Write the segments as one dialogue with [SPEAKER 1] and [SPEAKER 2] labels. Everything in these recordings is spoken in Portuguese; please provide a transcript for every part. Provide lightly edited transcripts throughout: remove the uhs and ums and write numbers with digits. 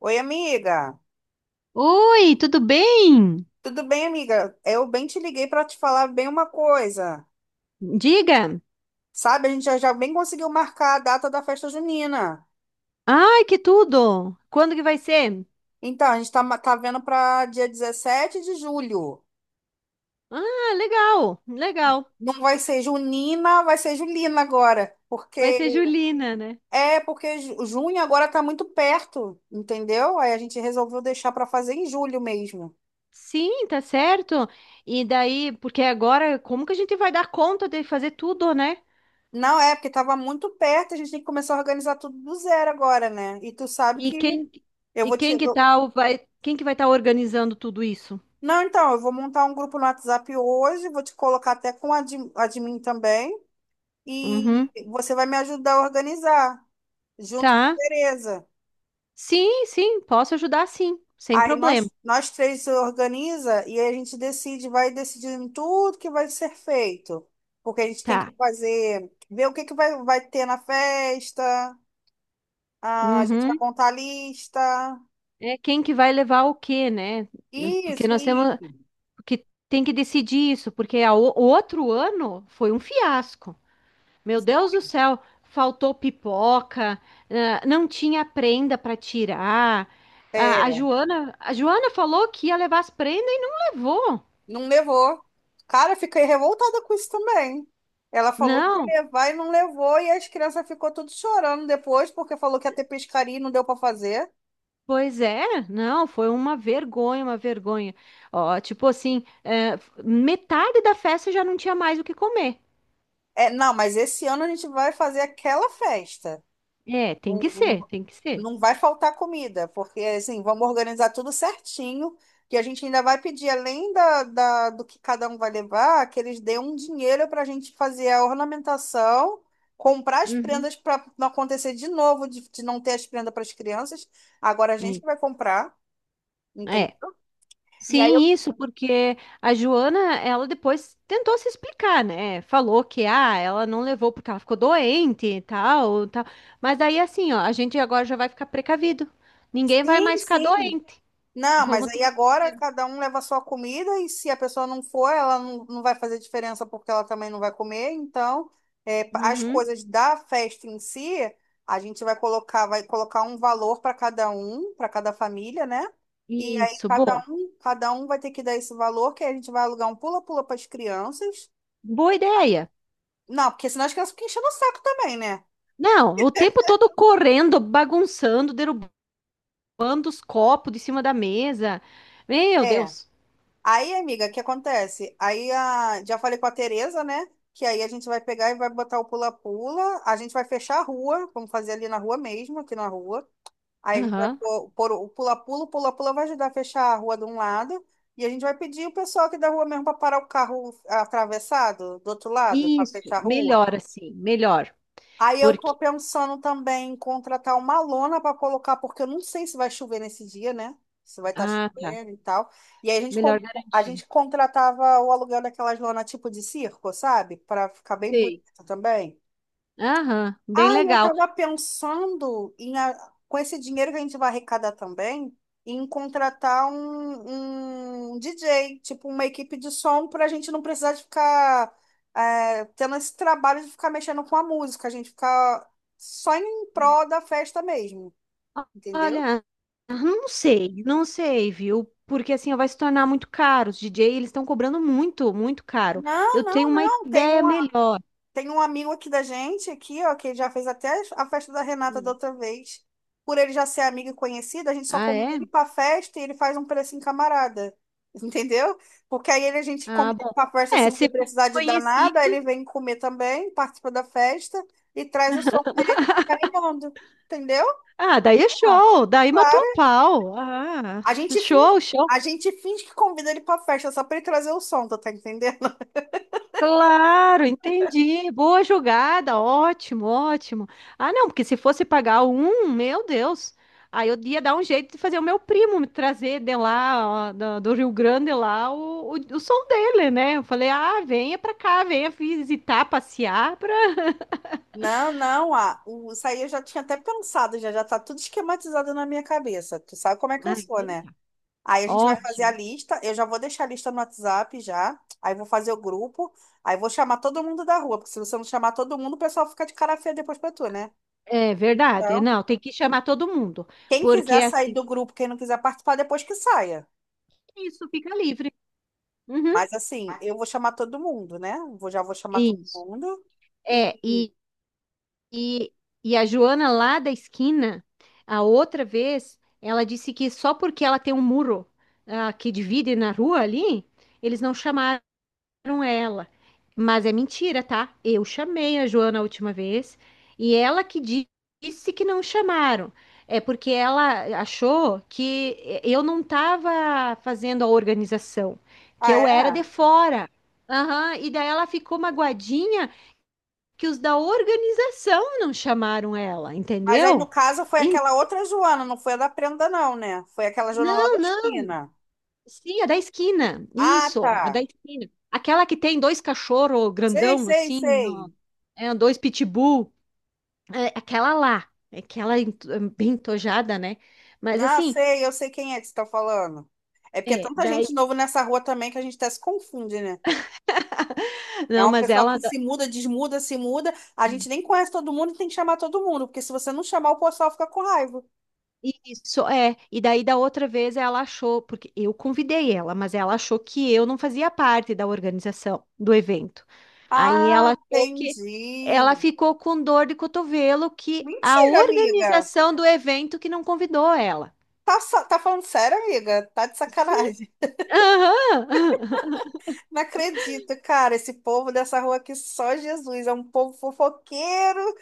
[SPEAKER 1] Oi, amiga.
[SPEAKER 2] Oi, tudo bem?
[SPEAKER 1] Tudo bem, amiga? Eu bem te liguei para te falar bem uma coisa.
[SPEAKER 2] Diga.
[SPEAKER 1] Sabe, a gente já bem conseguiu marcar a data da festa junina.
[SPEAKER 2] Ai, que tudo! Quando que vai ser?
[SPEAKER 1] Então, a gente tá vendo para dia 17 de julho.
[SPEAKER 2] Ah, legal, legal.
[SPEAKER 1] Não vai ser junina, vai ser julina agora.
[SPEAKER 2] Vai ser
[SPEAKER 1] Porque
[SPEAKER 2] Julina, né?
[SPEAKER 1] é porque ju- junho agora tá muito perto, entendeu? Aí a gente resolveu deixar para fazer em julho mesmo.
[SPEAKER 2] Sim, tá certo. E daí, porque agora, como que a gente vai dar conta de fazer tudo, né?
[SPEAKER 1] Não é porque tava muito perto, a gente tem que começar a organizar tudo do zero agora, né? E tu sabe
[SPEAKER 2] E
[SPEAKER 1] que
[SPEAKER 2] quem
[SPEAKER 1] eu
[SPEAKER 2] e
[SPEAKER 1] vou te,
[SPEAKER 2] quem que tá o- vai, quem que vai estar organizando tudo isso?
[SPEAKER 1] não, então, eu vou montar um grupo no WhatsApp hoje, vou te colocar até com admin também,
[SPEAKER 2] Uhum,
[SPEAKER 1] e você vai me ajudar a organizar, junto com a
[SPEAKER 2] tá.
[SPEAKER 1] Tereza.
[SPEAKER 2] Sim, sim, posso ajudar sim, sem
[SPEAKER 1] Aí nós,
[SPEAKER 2] problema.
[SPEAKER 1] nós três se organiza e aí a gente decide, vai decidindo tudo que vai ser feito. Porque a gente tem que
[SPEAKER 2] Tá.
[SPEAKER 1] fazer, ver o que que vai ter na festa, ah, a gente vai
[SPEAKER 2] Uhum.
[SPEAKER 1] contar a lista.
[SPEAKER 2] É quem que vai levar o quê, né? Porque
[SPEAKER 1] Isso,
[SPEAKER 2] nós temos
[SPEAKER 1] isso.
[SPEAKER 2] Porque tem que decidir isso, porque a o outro ano foi um fiasco. Meu Deus do céu, faltou pipoca, ah, não tinha prenda para tirar. A
[SPEAKER 1] É,
[SPEAKER 2] Joana, a Joana falou que ia levar as prendas e não levou.
[SPEAKER 1] não levou. Cara, fiquei revoltada com isso também. Ela falou que
[SPEAKER 2] Não,
[SPEAKER 1] ia levar e não levou, e as crianças ficou tudo chorando depois, porque falou que ia ter pescaria e não deu para fazer.
[SPEAKER 2] pois é, não, foi uma vergonha, uma vergonha. Ó, tipo assim, metade da festa já não tinha mais o que comer.
[SPEAKER 1] É, não, mas esse ano a gente vai fazer aquela festa.
[SPEAKER 2] É, tem
[SPEAKER 1] Não,
[SPEAKER 2] que ser,
[SPEAKER 1] não,
[SPEAKER 2] tem que ser.
[SPEAKER 1] não vai faltar comida, porque assim, vamos organizar tudo certinho, que a gente ainda vai pedir, além do que cada um vai levar, que eles dêem um dinheiro para a gente fazer a ornamentação, comprar as
[SPEAKER 2] Uhum.
[SPEAKER 1] prendas para não acontecer de novo, de não ter as prendas para as crianças. Agora a gente
[SPEAKER 2] E-
[SPEAKER 1] que vai comprar,
[SPEAKER 2] É.
[SPEAKER 1] entendeu? E aí eu,
[SPEAKER 2] Sim, isso, porque a Joana, ela depois tentou se explicar, né? Falou que ah, ela não levou porque ela ficou doente e tal, tal. Mas aí assim, ó, a gente agora já vai ficar precavido. Ninguém vai
[SPEAKER 1] sim,
[SPEAKER 2] mais ficar
[SPEAKER 1] sim.
[SPEAKER 2] doente.
[SPEAKER 1] Não, mas
[SPEAKER 2] Vamos ter
[SPEAKER 1] aí
[SPEAKER 2] o
[SPEAKER 1] agora
[SPEAKER 2] dinheiro.
[SPEAKER 1] cada um leva a sua comida e se a pessoa não for, ela não vai fazer diferença porque ela também não vai comer. Então, é, as
[SPEAKER 2] Uhum.
[SPEAKER 1] coisas da festa em si, a gente vai colocar um valor para cada um, para cada família, né? E aí
[SPEAKER 2] Isso,
[SPEAKER 1] cada
[SPEAKER 2] boa.
[SPEAKER 1] um, cada um vai ter que dar esse valor, que aí a gente vai alugar um pula-pula para as crianças.
[SPEAKER 2] Boa ideia.
[SPEAKER 1] Não, porque senão as crianças ficam enchendo o saco também, né?
[SPEAKER 2] Não, o tempo todo correndo, bagunçando, derrubando os copos de cima da mesa. Meu
[SPEAKER 1] É.
[SPEAKER 2] Deus.
[SPEAKER 1] Aí, amiga, o que acontece? Aí a, já falei com a Tereza, né? Que aí a gente vai pegar e vai botar o pula-pula. A gente vai fechar a rua, vamos fazer ali na rua mesmo, aqui na rua. Aí a gente vai
[SPEAKER 2] Aham.
[SPEAKER 1] pôr o pula-pula vai ajudar a fechar a rua de um lado. E a gente vai pedir o pessoal aqui da rua mesmo para parar o carro atravessado do outro lado, para
[SPEAKER 2] Isso,
[SPEAKER 1] fechar a rua.
[SPEAKER 2] melhor assim, melhor.
[SPEAKER 1] Aí eu tô
[SPEAKER 2] Porque
[SPEAKER 1] pensando também em contratar uma lona para colocar, porque eu não sei se vai chover nesse dia, né? Se vai estar
[SPEAKER 2] Ah, tá.
[SPEAKER 1] chovendo e tal. E aí a gente,
[SPEAKER 2] Melhor
[SPEAKER 1] com- a
[SPEAKER 2] garantir.
[SPEAKER 1] gente contratava o aluguel daquelas lonas tipo de circo, sabe? Para ficar bem
[SPEAKER 2] Sei.
[SPEAKER 1] bonito também.
[SPEAKER 2] Aham, bem
[SPEAKER 1] Ah, eu
[SPEAKER 2] legal.
[SPEAKER 1] estava pensando com esse dinheiro que a gente vai arrecadar também, em contratar um DJ, tipo uma equipe de som, para a gente não precisar de ficar tendo esse trabalho de ficar mexendo com a música, a gente ficar só em prol da festa mesmo, entendeu?
[SPEAKER 2] Olha, não sei, não sei, viu? Porque assim vai se tornar muito caro. Os DJ, eles estão cobrando muito, muito caro.
[SPEAKER 1] Não,
[SPEAKER 2] Eu tenho
[SPEAKER 1] não,
[SPEAKER 2] uma
[SPEAKER 1] não. Tem um,
[SPEAKER 2] ideia melhor.
[SPEAKER 1] Tem um amigo aqui da gente, aqui, ó, que já fez até a festa da Renata da
[SPEAKER 2] Hum.
[SPEAKER 1] outra vez. Por ele já ser amigo e conhecido, a gente só
[SPEAKER 2] Ah,
[SPEAKER 1] convida
[SPEAKER 2] é?
[SPEAKER 1] ele pra festa e ele faz um precinho camarada. Entendeu? Porque aí ele, a gente
[SPEAKER 2] Ah,
[SPEAKER 1] convida
[SPEAKER 2] bom.
[SPEAKER 1] ele pra festa
[SPEAKER 2] É,
[SPEAKER 1] sem ele
[SPEAKER 2] se for
[SPEAKER 1] precisar de dar nada, aí
[SPEAKER 2] conhecido.
[SPEAKER 1] ele vem comer também, participa da festa e traz o som dele e fica animando. Entendeu?
[SPEAKER 2] Ah, daí é
[SPEAKER 1] Ah,
[SPEAKER 2] show, daí matou
[SPEAKER 1] claro.
[SPEAKER 2] a pau. Ah,
[SPEAKER 1] A gente finge,
[SPEAKER 2] show, show.
[SPEAKER 1] a gente finge que convida ele pra festa só pra ele trazer o som, tu tá entendendo?
[SPEAKER 2] Claro, entendi. Boa jogada, ótimo, ótimo. Ah, não, porque se fosse pagar um, meu Deus, aí eu ia dar um jeito de fazer o meu primo me trazer de lá, ó, do Rio Grande lá, o som dele, né? Eu falei, ah, venha pra cá, venha visitar, passear pra.
[SPEAKER 1] Não, não, isso aí eu já tinha até pensado, já tá tudo esquematizado na minha cabeça. Tu sabe como é que
[SPEAKER 2] Ah,
[SPEAKER 1] eu sou,
[SPEAKER 2] então
[SPEAKER 1] né?
[SPEAKER 2] tá.
[SPEAKER 1] Aí a gente vai fazer a
[SPEAKER 2] Ótimo.
[SPEAKER 1] lista, eu já vou deixar a lista no WhatsApp já, aí vou fazer o grupo, aí vou chamar todo mundo da rua, porque se você não chamar todo mundo, o pessoal fica de cara feia depois pra tu, né?
[SPEAKER 2] É verdade.
[SPEAKER 1] Então,
[SPEAKER 2] Não, tem que chamar todo mundo,
[SPEAKER 1] quem
[SPEAKER 2] porque
[SPEAKER 1] quiser sair
[SPEAKER 2] assim,
[SPEAKER 1] do grupo, quem não quiser participar, depois que saia.
[SPEAKER 2] isso fica livre. Uhum.
[SPEAKER 1] Mas assim, eu vou chamar todo mundo, né? Já vou chamar todo
[SPEAKER 2] Isso.
[SPEAKER 1] mundo.
[SPEAKER 2] É,
[SPEAKER 1] E,
[SPEAKER 2] E, e a Joana lá da esquina, a outra vez, ela disse que só porque ela tem um muro, ah, que divide na rua ali, eles não chamaram ela. Mas é mentira, tá? Eu chamei a Joana a última vez e disse que não chamaram. É porque ela achou que eu não estava fazendo a organização, que
[SPEAKER 1] ah,
[SPEAKER 2] eu era
[SPEAKER 1] é?
[SPEAKER 2] de fora. Aham, e daí ela ficou magoadinha que os da organização não chamaram ela,
[SPEAKER 1] Mas aí, no
[SPEAKER 2] entendeu?
[SPEAKER 1] caso, foi
[SPEAKER 2] En-
[SPEAKER 1] aquela outra Joana, não foi a da prenda, não, né? Foi aquela Joana lá
[SPEAKER 2] não,
[SPEAKER 1] da
[SPEAKER 2] não,
[SPEAKER 1] esquina.
[SPEAKER 2] sim, a da esquina.
[SPEAKER 1] Ah,
[SPEAKER 2] Isso, a da
[SPEAKER 1] tá.
[SPEAKER 2] esquina. Aquela que tem dois cachorros
[SPEAKER 1] Sei,
[SPEAKER 2] grandão,
[SPEAKER 1] sei,
[SPEAKER 2] assim,
[SPEAKER 1] sei.
[SPEAKER 2] é, dois pitbull. É, aquela lá. Bem tojada, né? Mas
[SPEAKER 1] Ah,
[SPEAKER 2] assim,
[SPEAKER 1] sei, eu sei quem é que você tá falando. É porque é
[SPEAKER 2] é,
[SPEAKER 1] tanta
[SPEAKER 2] daí.
[SPEAKER 1] gente nova nessa rua também que a gente até se confunde, né? É
[SPEAKER 2] Não,
[SPEAKER 1] um
[SPEAKER 2] mas
[SPEAKER 1] pessoal
[SPEAKER 2] ela.
[SPEAKER 1] que se muda, desmuda, se muda. A gente nem conhece todo mundo e tem que chamar todo mundo, porque se você não chamar, o pessoal fica com raiva.
[SPEAKER 2] Isso, é. E daí da outra vez ela achou, porque eu convidei ela, mas ela achou que eu não fazia parte da organização do evento. Aí
[SPEAKER 1] Ah,
[SPEAKER 2] ela achou que ela
[SPEAKER 1] entendi.
[SPEAKER 2] ficou com dor de cotovelo que a
[SPEAKER 1] Mentira, amiga.
[SPEAKER 2] organização do evento que não convidou ela.
[SPEAKER 1] Tá falando sério, amiga? Tá de
[SPEAKER 2] Sim.
[SPEAKER 1] sacanagem.
[SPEAKER 2] Aham.
[SPEAKER 1] Não acredito, cara. Esse povo dessa rua aqui, só Jesus. É um povo fofoqueiro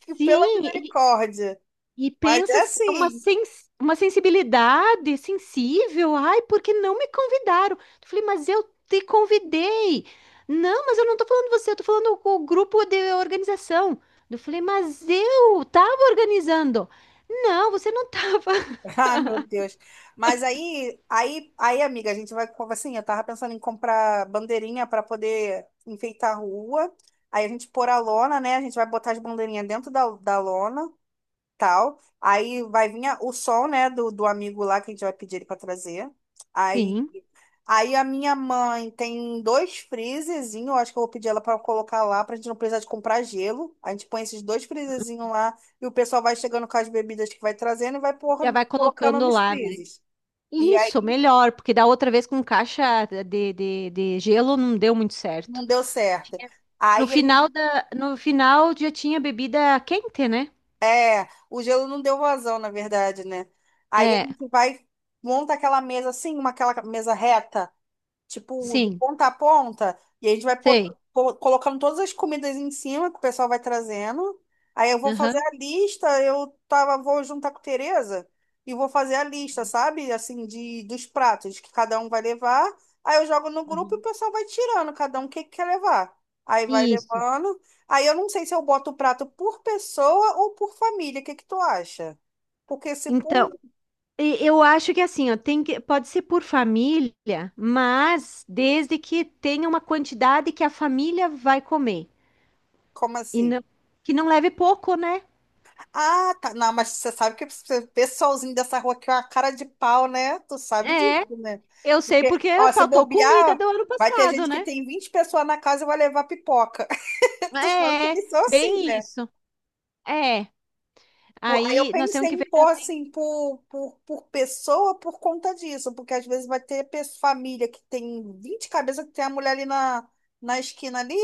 [SPEAKER 1] que, pela
[SPEAKER 2] Sim,
[SPEAKER 1] misericórdia.
[SPEAKER 2] e
[SPEAKER 1] Mas
[SPEAKER 2] pensa
[SPEAKER 1] é assim.
[SPEAKER 2] uma sensibilidade sensível. Ai, porque não me convidaram? Eu falei, mas eu te convidei. Não, mas eu não tô falando você, eu tô falando com o grupo de organização. Eu falei, mas eu tava organizando. Não, você não tava.
[SPEAKER 1] Ah, meu Deus. Mas aí, amiga, a gente vai. Assim, eu tava pensando em comprar bandeirinha para poder enfeitar a rua. Aí a gente pôr a lona, né? A gente vai botar as bandeirinhas dentro da lona, tal. Aí vai vir o som, né, do amigo lá que a gente vai pedir ele para trazer. aí
[SPEAKER 2] Sim,
[SPEAKER 1] Aí a minha mãe tem dois freezerzinhos, eu acho que eu vou pedir ela para colocar lá, pra gente não precisar de comprar gelo. A gente põe esses dois freezerzinhos lá e o pessoal vai chegando com as bebidas que vai trazendo e vai
[SPEAKER 2] já vai
[SPEAKER 1] colocando
[SPEAKER 2] colocando
[SPEAKER 1] nos
[SPEAKER 2] lá, né?
[SPEAKER 1] freezers. E
[SPEAKER 2] Isso,
[SPEAKER 1] aí
[SPEAKER 2] melhor, porque da outra vez com caixa de gelo não deu muito certo.
[SPEAKER 1] não deu certo.
[SPEAKER 2] Tinha- No
[SPEAKER 1] Aí a gente,
[SPEAKER 2] final no final já tinha bebida quente, né?
[SPEAKER 1] o gelo não deu vazão, na verdade, né? Aí a
[SPEAKER 2] É,
[SPEAKER 1] gente vai monta aquela mesa assim, uma aquela mesa reta tipo, de
[SPEAKER 2] sim,
[SPEAKER 1] ponta a ponta, e a gente vai
[SPEAKER 2] sei.
[SPEAKER 1] colocando todas as comidas em cima que o pessoal vai trazendo. Aí eu vou fazer
[SPEAKER 2] Aham.
[SPEAKER 1] a lista, eu tava, vou juntar com a Tereza e vou fazer a lista, sabe? Assim, dos pratos que cada um vai levar. Aí eu jogo no grupo e o
[SPEAKER 2] Uhum.
[SPEAKER 1] pessoal vai tirando, cada um o que que quer levar. Aí vai
[SPEAKER 2] Isso.
[SPEAKER 1] levando. Aí eu não sei se eu boto o prato por pessoa ou por família. O que que tu acha? Porque se por.
[SPEAKER 2] Então, eu acho que assim, ó, tem que, pode ser por família, mas desde que tenha uma quantidade que a família vai comer
[SPEAKER 1] Como
[SPEAKER 2] e
[SPEAKER 1] assim?
[SPEAKER 2] que não leve pouco, né?
[SPEAKER 1] Ah, tá. Não, mas você sabe que o pessoalzinho dessa rua aqui é uma cara de pau, né? Tu sabe
[SPEAKER 2] É,
[SPEAKER 1] disso, né?
[SPEAKER 2] eu sei
[SPEAKER 1] Porque,
[SPEAKER 2] porque
[SPEAKER 1] ó, se
[SPEAKER 2] faltou comida
[SPEAKER 1] bobear,
[SPEAKER 2] do ano
[SPEAKER 1] vai ter
[SPEAKER 2] passado,
[SPEAKER 1] gente que
[SPEAKER 2] né?
[SPEAKER 1] tem 20 pessoas na casa e vai levar pipoca. Tu sabe que
[SPEAKER 2] É,
[SPEAKER 1] eles são assim,
[SPEAKER 2] bem
[SPEAKER 1] né?
[SPEAKER 2] isso. É.
[SPEAKER 1] Pô, aí eu
[SPEAKER 2] Aí nós temos
[SPEAKER 1] pensei
[SPEAKER 2] que
[SPEAKER 1] em
[SPEAKER 2] ver
[SPEAKER 1] pôr
[SPEAKER 2] também.
[SPEAKER 1] assim por pessoa por conta disso, porque às vezes vai ter família que tem 20 cabeças, que tem a mulher ali na esquina ali.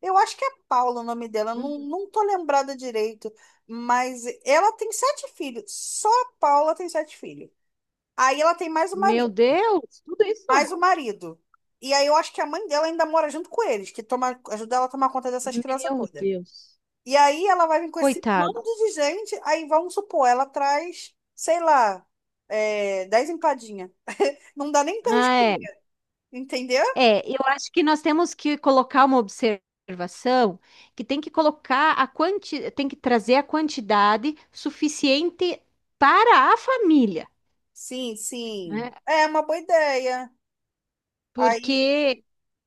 [SPEAKER 1] Eu acho que é Paula o nome dela,
[SPEAKER 2] Uhum.
[SPEAKER 1] não tô lembrada direito, mas ela tem sete filhos, só a Paula tem sete filhos. Aí ela tem mais o
[SPEAKER 2] Meu
[SPEAKER 1] marido,
[SPEAKER 2] Deus, tudo isso?
[SPEAKER 1] mais o marido. E aí eu acho que a mãe dela ainda mora junto com eles, que toma, ajuda ela a tomar conta dessas crianças
[SPEAKER 2] Meu
[SPEAKER 1] todas.
[SPEAKER 2] Deus.
[SPEAKER 1] E aí ela vai vir com esse
[SPEAKER 2] Coitado.
[SPEAKER 1] bando de gente, aí vamos supor, ela traz, sei lá, 10 empadinhas. Não dá nem pra gente
[SPEAKER 2] Ah, é.
[SPEAKER 1] comer, entendeu?
[SPEAKER 2] É, eu acho que nós temos que colocar uma observação que tem que colocar a tem que trazer a quantidade suficiente para a família,
[SPEAKER 1] Sim, sim.
[SPEAKER 2] né?
[SPEAKER 1] É uma boa ideia. Aí,
[SPEAKER 2] Porque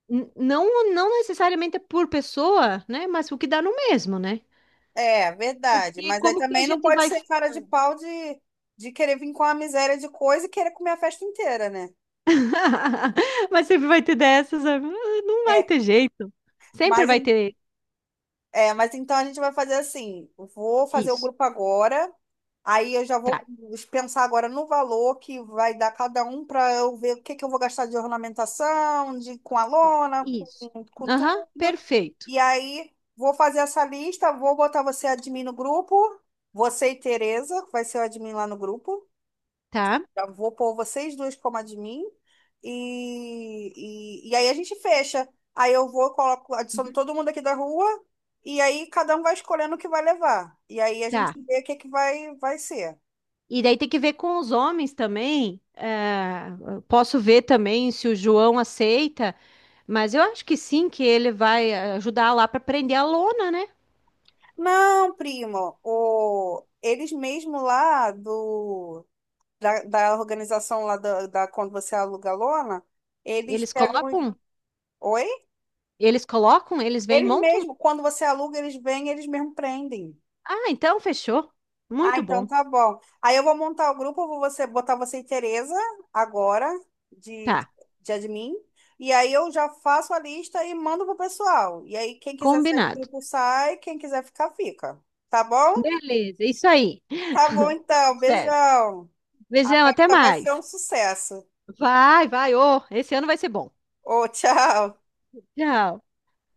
[SPEAKER 2] não, não necessariamente é por pessoa, né? Mas o que dá no mesmo, né?
[SPEAKER 1] é, verdade.
[SPEAKER 2] Porque
[SPEAKER 1] Mas aí
[SPEAKER 2] como que a
[SPEAKER 1] também não
[SPEAKER 2] gente
[SPEAKER 1] pode
[SPEAKER 2] vai
[SPEAKER 1] ser cara de pau de querer vir com a miséria de coisa e querer comer a festa inteira, né?
[SPEAKER 2] Mas sempre vai ter dessas, né? Ah, não vai
[SPEAKER 1] É,
[SPEAKER 2] ter jeito. Sempre
[SPEAKER 1] mas,
[SPEAKER 2] vai
[SPEAKER 1] en-
[SPEAKER 2] ter
[SPEAKER 1] mas então a gente vai fazer assim: eu vou fazer o
[SPEAKER 2] isso.
[SPEAKER 1] grupo agora. Aí eu já
[SPEAKER 2] Tá,
[SPEAKER 1] vou pensar agora no valor que vai dar cada um para eu ver o que que eu vou gastar de ornamentação, de com a lona,
[SPEAKER 2] isso.
[SPEAKER 1] com
[SPEAKER 2] Aham,
[SPEAKER 1] tudo.
[SPEAKER 2] perfeito.
[SPEAKER 1] E aí vou fazer essa lista, vou botar você admin no grupo, você e Tereza, que vai ser o admin lá no grupo.
[SPEAKER 2] Tá?
[SPEAKER 1] Já vou pôr vocês dois como admin. E aí a gente fecha. Aí eu vou, coloco, adiciono
[SPEAKER 2] Uhum.
[SPEAKER 1] todo mundo aqui da rua, e aí cada um vai escolhendo o que vai levar. E aí a gente
[SPEAKER 2] Tá.
[SPEAKER 1] vê o que que vai ser.
[SPEAKER 2] E daí tem que ver com os homens também. Posso ver também se o João aceita, mas eu acho que sim, que ele vai ajudar lá para prender a lona, né?
[SPEAKER 1] Não, primo, o, eles mesmo lá do, da organização lá quando você aluga a lona, eles
[SPEAKER 2] Eles
[SPEAKER 1] pegam.
[SPEAKER 2] colocam,
[SPEAKER 1] Oi?
[SPEAKER 2] eles vêm,
[SPEAKER 1] Eles
[SPEAKER 2] montam.
[SPEAKER 1] mesmo, quando você aluga, eles vêm, eles mesmo prendem.
[SPEAKER 2] Ah, então fechou.
[SPEAKER 1] Ah,
[SPEAKER 2] Muito
[SPEAKER 1] então
[SPEAKER 2] bom.
[SPEAKER 1] tá bom. Aí eu vou montar o grupo, eu vou você, botar você e Tereza agora de,
[SPEAKER 2] Tá,
[SPEAKER 1] de admin. E aí eu já faço a lista e mando pro pessoal. E aí quem quiser sair do
[SPEAKER 2] combinado.
[SPEAKER 1] grupo sai, quem quiser ficar, fica. Tá bom?
[SPEAKER 2] Beleza, isso aí.
[SPEAKER 1] Tá bom
[SPEAKER 2] Tudo
[SPEAKER 1] então,
[SPEAKER 2] certo.
[SPEAKER 1] beijão. A
[SPEAKER 2] Beijão, até
[SPEAKER 1] festa vai ser um
[SPEAKER 2] mais.
[SPEAKER 1] sucesso.
[SPEAKER 2] Vai, vai, ô, esse ano vai ser bom.
[SPEAKER 1] Ô, tchau.
[SPEAKER 2] Tchau.